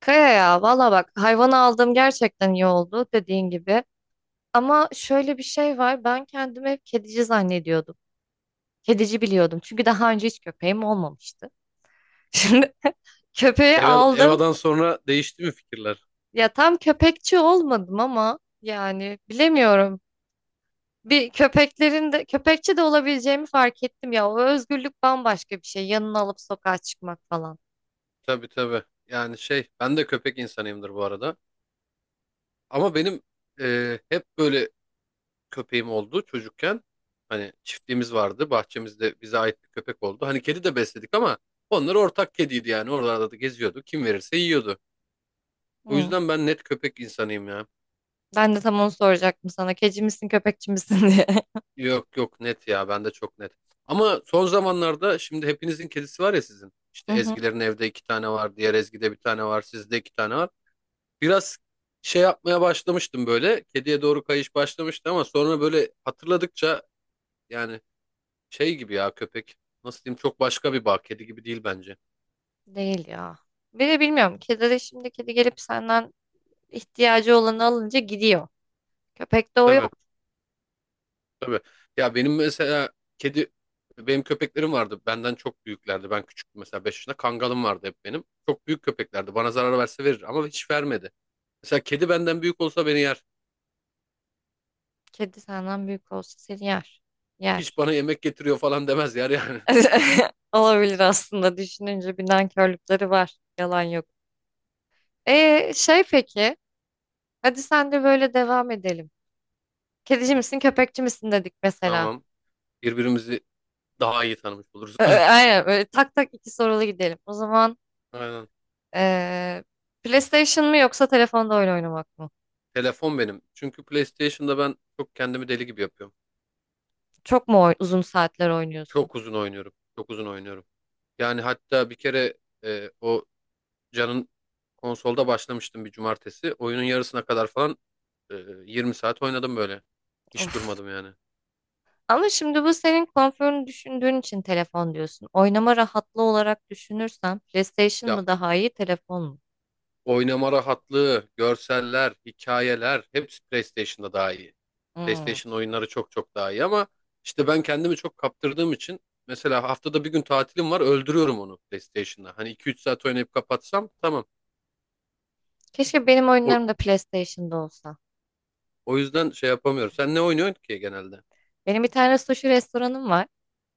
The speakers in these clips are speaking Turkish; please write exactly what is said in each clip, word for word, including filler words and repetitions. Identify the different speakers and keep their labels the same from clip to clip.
Speaker 1: Kaya ya valla bak hayvanı aldığım gerçekten iyi oldu dediğin gibi. Ama şöyle bir şey var, ben kendimi hep kedici zannediyordum. Kedici biliyordum çünkü daha önce hiç köpeğim olmamıştı. Şimdi köpeği
Speaker 2: Eva,
Speaker 1: aldım,
Speaker 2: Eva'dan sonra değişti mi fikirler?
Speaker 1: ya tam köpekçi olmadım ama yani bilemiyorum. Bir köpeklerin de köpekçi de olabileceğimi fark ettim, ya o özgürlük bambaşka bir şey, yanına alıp sokağa çıkmak falan.
Speaker 2: Tabii tabii. Yani şey ben de köpek insanıyımdır bu arada. Ama benim e, hep böyle köpeğim oldu çocukken. Hani çiftliğimiz vardı. Bahçemizde bize ait bir köpek oldu. Hani kedi de besledik ama onlar ortak kediydi yani. Oralarda da geziyordu. Kim verirse yiyordu. O
Speaker 1: Hı.
Speaker 2: yüzden ben net köpek insanıyım ya.
Speaker 1: Ben de tam onu soracaktım sana, kedici misin köpekçi misin diye.
Speaker 2: Yok yok net ya. Ben de çok net. Ama son zamanlarda şimdi hepinizin kedisi var ya sizin. İşte
Speaker 1: Hı hı.
Speaker 2: Ezgilerin evde iki tane var. Diğer Ezgi'de bir tane var. Sizde iki tane var. Biraz şey yapmaya başlamıştım böyle. Kediye doğru kayış başlamıştı ama sonra böyle hatırladıkça yani şey gibi ya köpek. Nasıl diyeyim, çok başka bir bağ. Kedi gibi değil bence.
Speaker 1: Değil ya. Bir de bilmiyorum. Kedileri şimdi, kedi gelip senden ihtiyacı olanı alınca gidiyor. Köpekte o
Speaker 2: Tabii
Speaker 1: yok.
Speaker 2: tabii. Ya benim mesela kedi, benim köpeklerim vardı. Benden çok büyüklerdi. Ben küçüktüm mesela beş yaşında. Kangalım vardı hep benim. Çok büyük köpeklerdi. Bana zarar verse verir ama hiç vermedi. Mesela kedi benden büyük olsa beni yer.
Speaker 1: Kedi senden büyük olsa seni yer.
Speaker 2: Hiç
Speaker 1: Yer.
Speaker 2: bana yemek getiriyor falan demez, yer yani.
Speaker 1: Olabilir aslında, düşününce bir nankörlükleri var. Yalan yok. E şey peki. Hadi sen de, böyle devam edelim. Kedici misin köpekçi misin dedik mesela.
Speaker 2: Tamam. Birbirimizi daha iyi tanımış oluruz.
Speaker 1: Ö- ö, Aynen, böyle tak tak iki sorulu gidelim. O zaman
Speaker 2: Aynen.
Speaker 1: eee, PlayStation mı, yoksa telefonda oyun oynamak mı?
Speaker 2: Telefon benim. Çünkü PlayStation'da ben çok kendimi deli gibi yapıyorum.
Speaker 1: Çok mu oy- uzun saatler oynuyorsun?
Speaker 2: Çok uzun oynuyorum. Çok uzun oynuyorum. Yani hatta bir kere e, o Can'ın konsolda başlamıştım bir cumartesi. Oyunun yarısına kadar falan e, yirmi saat oynadım böyle. Hiç
Speaker 1: Of.
Speaker 2: durmadım yani.
Speaker 1: Ama şimdi bu senin konforunu düşündüğün için telefon diyorsun. Oynama rahatlığı olarak düşünürsen PlayStation
Speaker 2: Ya,
Speaker 1: mı daha iyi, telefon mu?
Speaker 2: oynama rahatlığı, görseller, hikayeler hepsi PlayStation'da daha iyi.
Speaker 1: Hmm.
Speaker 2: PlayStation oyunları çok çok daha iyi ama işte ben kendimi çok kaptırdığım için mesela haftada bir gün tatilim var, öldürüyorum onu PlayStation'da. Hani iki üç saat oynayıp kapatsam tamam.
Speaker 1: Keşke benim
Speaker 2: O,
Speaker 1: oyunlarım da PlayStation'da olsa.
Speaker 2: o yüzden şey yapamıyorum. Sen ne oynuyorsun ki genelde?
Speaker 1: Benim bir tane sushi restoranım var.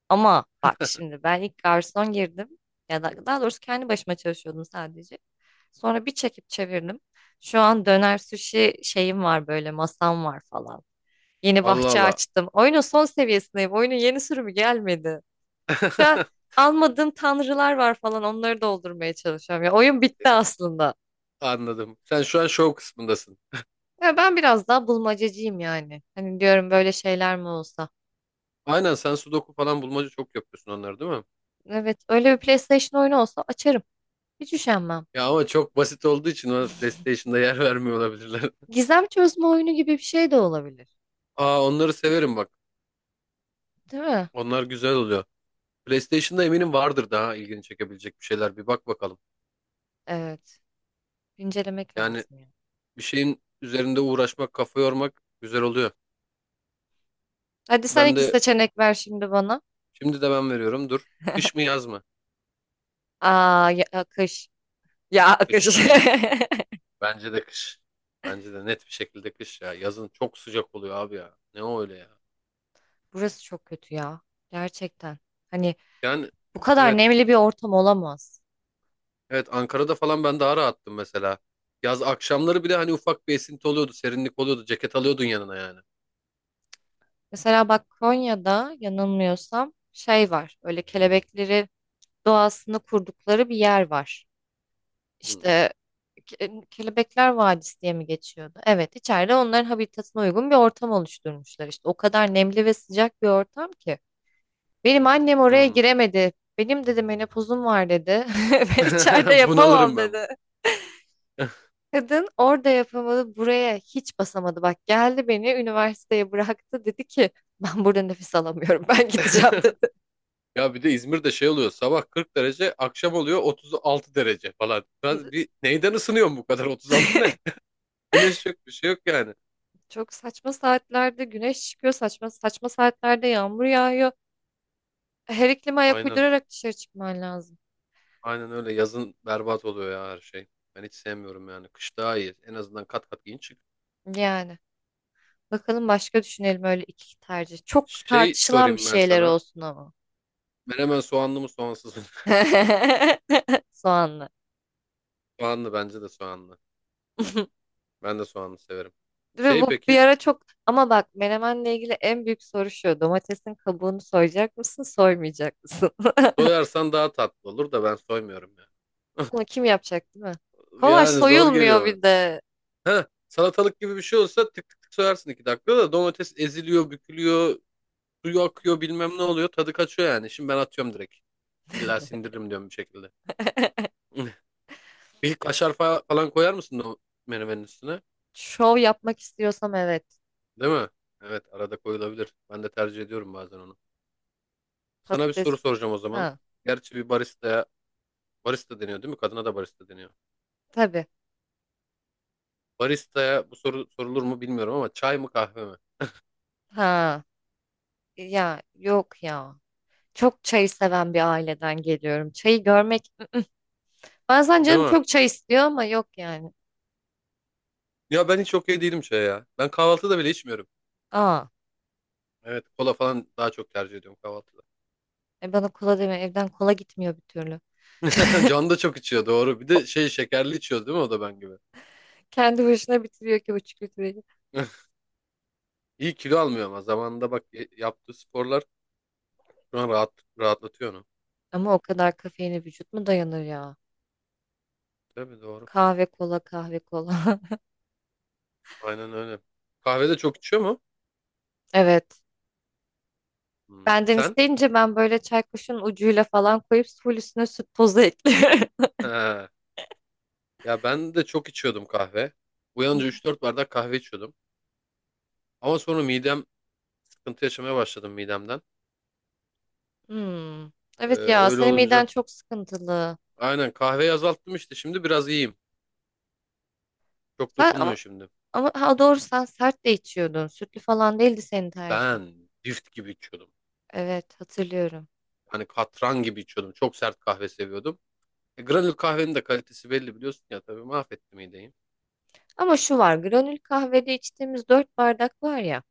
Speaker 1: Ama bak şimdi ben ilk garson girdim. Ya da daha doğrusu kendi başıma çalışıyordum sadece. Sonra bir çekip çevirdim. Şu an döner sushi şeyim var, böyle masam var falan. Yeni
Speaker 2: Allah
Speaker 1: bahçe
Speaker 2: Allah.
Speaker 1: açtım. Oyunun son seviyesindeyim. Oyunun yeni sürümü gelmedi. Şu an almadığım tanrılar var falan, onları doldurmaya çalışıyorum. Ya oyun bitti aslında.
Speaker 2: Anladım. Sen şu an şov kısmındasın.
Speaker 1: Ya ben biraz daha bulmacacıyım yani. Hani diyorum, böyle şeyler mi olsa.
Speaker 2: Aynen, sen sudoku falan bulmaca çok yapıyorsun onları değil mi?
Speaker 1: Evet, öyle bir PlayStation oyunu olsa açarım. Hiç üşenmem.
Speaker 2: Ya ama çok basit olduğu için ona PlayStation'da yer vermiyor olabilirler.
Speaker 1: Gizem çözme oyunu gibi bir şey de olabilir.
Speaker 2: Aa, onları severim bak.
Speaker 1: Değil mi?
Speaker 2: Onlar güzel oluyor. PlayStation'da eminim vardır daha ilgini çekebilecek bir şeyler. Bir bak bakalım.
Speaker 1: Evet. Incelemek
Speaker 2: Yani
Speaker 1: lazım ya.
Speaker 2: bir şeyin üzerinde uğraşmak, kafa yormak güzel oluyor.
Speaker 1: Hadi sen
Speaker 2: Ben
Speaker 1: iki
Speaker 2: de
Speaker 1: seçenek ver şimdi bana.
Speaker 2: şimdi de ben veriyorum. Dur. Kış mı yaz mı?
Speaker 1: Aa ya, akış. Ya akış.
Speaker 2: Kış bence. Bence de kış. Bence de net bir şekilde kış ya. Yazın çok sıcak oluyor abi ya. Ne o öyle ya.
Speaker 1: Burası çok kötü ya. Gerçekten. Hani
Speaker 2: Yani
Speaker 1: bu kadar
Speaker 2: evet.
Speaker 1: nemli bir ortam olamaz.
Speaker 2: Evet, Ankara'da falan ben daha rahattım mesela. Yaz akşamları bile hani ufak bir esinti oluyordu, serinlik oluyordu. Ceket alıyordun yanına yani.
Speaker 1: Mesela bak, Konya'da yanılmıyorsam şey var. Öyle kelebekleri, doğasını kurdukları bir yer var.
Speaker 2: Hmm.
Speaker 1: İşte Ke- e, Kelebekler Vadisi diye mi geçiyordu? Evet, içeride onların habitatına uygun bir ortam oluşturmuşlar işte. O kadar nemli ve sıcak bir ortam ki. Benim annem oraya
Speaker 2: Hmm.
Speaker 1: giremedi. Benim dedi menopozum var dedi. Ve içeride yapamam
Speaker 2: Bunalırım ben.
Speaker 1: dedi. Kadın orada yapamadı, buraya hiç basamadı. Bak geldi beni üniversiteye bıraktı, dedi ki ben burada nefes alamıyorum, ben gideceğim dedi.
Speaker 2: Ya bir de İzmir'de şey oluyor, sabah kırk derece akşam oluyor otuz altı derece falan. Biraz bir neyden ısınıyorsun bu kadar, otuz altı ne? Güneş yok, bir şey yok yani.
Speaker 1: Çok saçma saatlerde güneş çıkıyor, saçma saçma saatlerde yağmur yağıyor. Her iklime ayak
Speaker 2: Aynen
Speaker 1: uydurarak dışarı çıkman lazım.
Speaker 2: aynen öyle, yazın berbat oluyor ya her şey. Ben hiç sevmiyorum yani, kış daha iyi, en azından kat kat giyin çık.
Speaker 1: Yani bakalım, başka düşünelim öyle iki tercih. Çok
Speaker 2: Şey
Speaker 1: tartışılan bir
Speaker 2: sorayım ben
Speaker 1: şeyler
Speaker 2: sana,
Speaker 1: olsun ama.
Speaker 2: menemen soğanlı mı soğansız mı?
Speaker 1: Soğanlı.
Speaker 2: Soğanlı, bence de soğanlı. Ben de soğanlı severim.
Speaker 1: Ve
Speaker 2: Şey
Speaker 1: bu bir
Speaker 2: peki,
Speaker 1: ara çok, ama bak menemenle ilgili en büyük soru şu. Domatesin kabuğunu soyacak mısın, soymayacak mısın?
Speaker 2: soyarsan daha tatlı olur da ben soymuyorum ya.
Speaker 1: Bunu kim yapacak, değil mi? Kolay
Speaker 2: Yani zor
Speaker 1: soyulmuyor
Speaker 2: geliyor.
Speaker 1: bir de.
Speaker 2: Ha, salatalık gibi bir şey olsa tık tık tık soyarsın iki dakikada, da domates eziliyor, bükülüyor, suyu akıyor bilmem ne oluyor. Tadı kaçıyor yani. Şimdi ben atıyorum direkt. İlla sindiririm diyorum bir şekilde. Bir kaşar fa- falan koyar mısın o menemenin üstüne?
Speaker 1: Şov yapmak istiyorsam evet.
Speaker 2: Değil mi? Evet, arada koyulabilir. Ben de tercih ediyorum bazen onu. Sana bir soru
Speaker 1: Patates.
Speaker 2: soracağım o zaman.
Speaker 1: Ha,
Speaker 2: Gerçi bir baristaya, barista deniyor değil mi? Kadına da barista deniyor.
Speaker 1: tabii.
Speaker 2: Baristaya bu soru sorulur mu bilmiyorum ama çay mı kahve mi?
Speaker 1: Ha, ya yok ya. Çok çayı seven bir aileden geliyorum. Çayı görmek. Bazen
Speaker 2: Değil
Speaker 1: canım
Speaker 2: mi?
Speaker 1: çok çay istiyor ama yok yani.
Speaker 2: Ya ben hiç okey değilim çaya ya. Ben kahvaltıda bile içmiyorum.
Speaker 1: Aa,
Speaker 2: Evet, kola falan daha çok tercih ediyorum kahvaltıda.
Speaker 1: e bana kola deme. Evden kola gitmiyor bir türlü.
Speaker 2: Can da çok içiyor doğru. Bir de şey, şekerli içiyor değil mi o da ben gibi.
Speaker 1: Kendi başına bitiriyor ki buçuk litreyi.
Speaker 2: İyi, kilo almıyor ama zamanında bak y- yaptığı sporlar şu an rahat, rahatlatıyor onu.
Speaker 1: Ama o kadar kafeine vücut mu dayanır ya?
Speaker 2: Tabii doğru.
Speaker 1: Kahve kola, kahve kola.
Speaker 2: Aynen öyle. Kahve de çok içiyor mu?
Speaker 1: Evet.
Speaker 2: Hmm.
Speaker 1: Benden
Speaker 2: Sen?
Speaker 1: isteyince ben böyle çay kaşığının ucuyla falan koyup full üstüne süt tozu ekliyorum.
Speaker 2: He. Ya ben de çok içiyordum kahve. Uyanınca üç dört bardak kahve içiyordum. Ama sonra midem, sıkıntı yaşamaya başladım midemden.
Speaker 1: Hmm.
Speaker 2: Ee,
Speaker 1: Evet ya,
Speaker 2: öyle
Speaker 1: senin miden
Speaker 2: olunca.
Speaker 1: çok sıkıntılı.
Speaker 2: Aynen, kahveyi azalttım işte, şimdi biraz iyiyim. Çok
Speaker 1: Sen
Speaker 2: dokunmuyor
Speaker 1: ama,
Speaker 2: şimdi.
Speaker 1: ama ha doğru, sen sert de içiyordun. Sütlü falan değildi senin tercihin.
Speaker 2: Ben cift gibi içiyordum.
Speaker 1: Evet hatırlıyorum.
Speaker 2: Hani katran gibi içiyordum. Çok sert kahve seviyordum. E, granül kahvenin de kalitesi belli biliyorsun ya, tabii mahvetti mideyi.
Speaker 1: Ama şu var, granül kahvede içtiğimiz dört bardak var ya.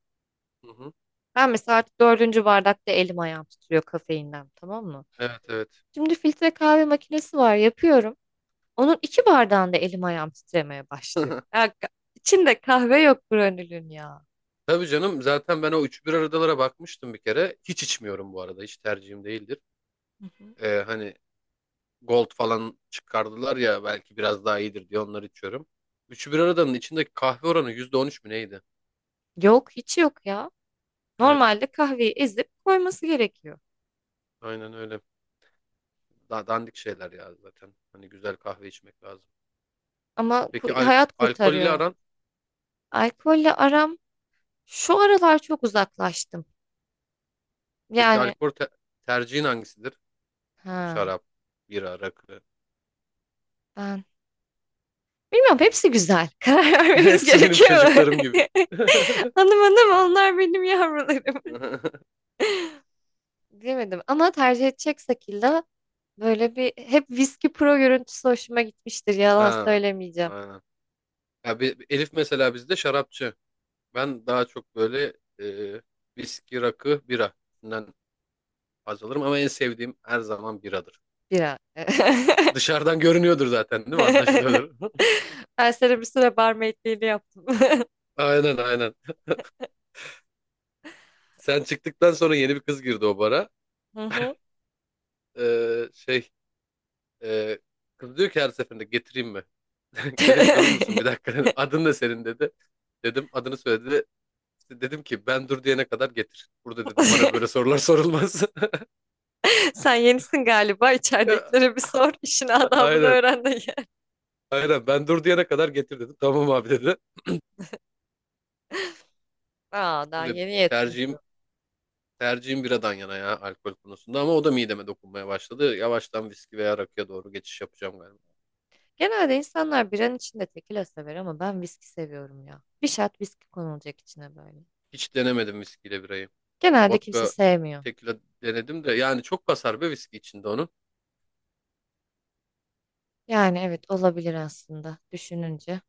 Speaker 2: Hı hı.
Speaker 1: Ben mesela artık dördüncü bardakta elim ayağım titriyor kafeinden, tamam mı?
Speaker 2: Evet evet.
Speaker 1: Şimdi filtre kahve makinesi var, yapıyorum. Onun iki bardağında elim ayağım titremeye başlıyor. Ya, ka- içinde kahve yok granülün ya.
Speaker 2: Tabii canım, zaten ben o üç bir aradalara bakmıştım bir kere. Hiç içmiyorum bu arada. Hiç tercihim değildir.
Speaker 1: Hı hı.
Speaker 2: E, hani Gold falan çıkardılar ya, belki biraz daha iyidir diye onları içiyorum. Üçü bir aradanın içindeki kahve oranı yüzde on üç mü neydi?
Speaker 1: Yok hiç yok ya.
Speaker 2: Evet,
Speaker 1: Normalde kahveyi ezip koyması gerekiyor.
Speaker 2: aynen öyle. Daha dandik şeyler ya zaten. Hani güzel kahve içmek lazım.
Speaker 1: Ama ku-
Speaker 2: Peki al
Speaker 1: hayat
Speaker 2: alkolle
Speaker 1: kurtarıyor.
Speaker 2: aran?
Speaker 1: Alkolle aram, şu aralar çok uzaklaştım.
Speaker 2: Peki
Speaker 1: Yani
Speaker 2: alkol te- tercihin hangisidir?
Speaker 1: ha,
Speaker 2: Şarap, bira, rakı.
Speaker 1: ben bilmiyorum, hepsi güzel. Karar vermemiz
Speaker 2: Hepsi benim
Speaker 1: gerekiyor mu?
Speaker 2: çocuklarım gibi.
Speaker 1: Hanım hanım onlar, benim yavrularım. Bilemedim, ama tercih edeceksek illa böyle, bir hep viski pro görüntüsü hoşuma gitmiştir. Yalan
Speaker 2: Ha,
Speaker 1: söylemeyeceğim.
Speaker 2: aynen. Ya bir, bir Elif mesela bizde şarapçı. Ben daha çok böyle e, viski, rakı, bira. Bundan haz alırım ama en sevdiğim her zaman biradır.
Speaker 1: Bira.
Speaker 2: Dışarıdan görünüyordur zaten değil mi? Anlaşılıyordur.
Speaker 1: Ben sana bir süre barmaidliğini yaptım.
Speaker 2: Aynen aynen. Sen çıktıktan sonra yeni bir kız girdi o bara.
Speaker 1: Hı hı.
Speaker 2: E, şey e, kız diyor ki her seferinde getireyim mi? Dedim durur musun bir dakika. Adın ne senin dedi. Dedim, adını söyledi. İşte dedim ki ben dur diyene kadar getir. Burada dedim bana böyle sorular sorulmaz.
Speaker 1: Sen yenisin galiba.
Speaker 2: Ya,
Speaker 1: İçeridekilere bir sor. İşin adabını
Speaker 2: aynen.
Speaker 1: öğren de.
Speaker 2: Aynen, ben dur diyene kadar getir dedim. Tamam abi dedi.
Speaker 1: Aa, daha
Speaker 2: Öyle,
Speaker 1: yeni
Speaker 2: tercihim
Speaker 1: yetmiyor.
Speaker 2: tercihim biradan yana ya alkol konusunda, ama o da mideme dokunmaya başladı. Yavaştan viski veya rakıya doğru geçiş yapacağım galiba.
Speaker 1: Genelde insanlar biranın içinde tekila sever, ama ben viski seviyorum ya. Bir şat viski konulacak içine, böyle.
Speaker 2: Hiç denemedim viskiyle birayı.
Speaker 1: Genelde kimse
Speaker 2: Vodka,
Speaker 1: sevmiyor.
Speaker 2: tekila denedim de yani çok kasar be viski içinde onu.
Speaker 1: Yani evet, olabilir aslında düşününce.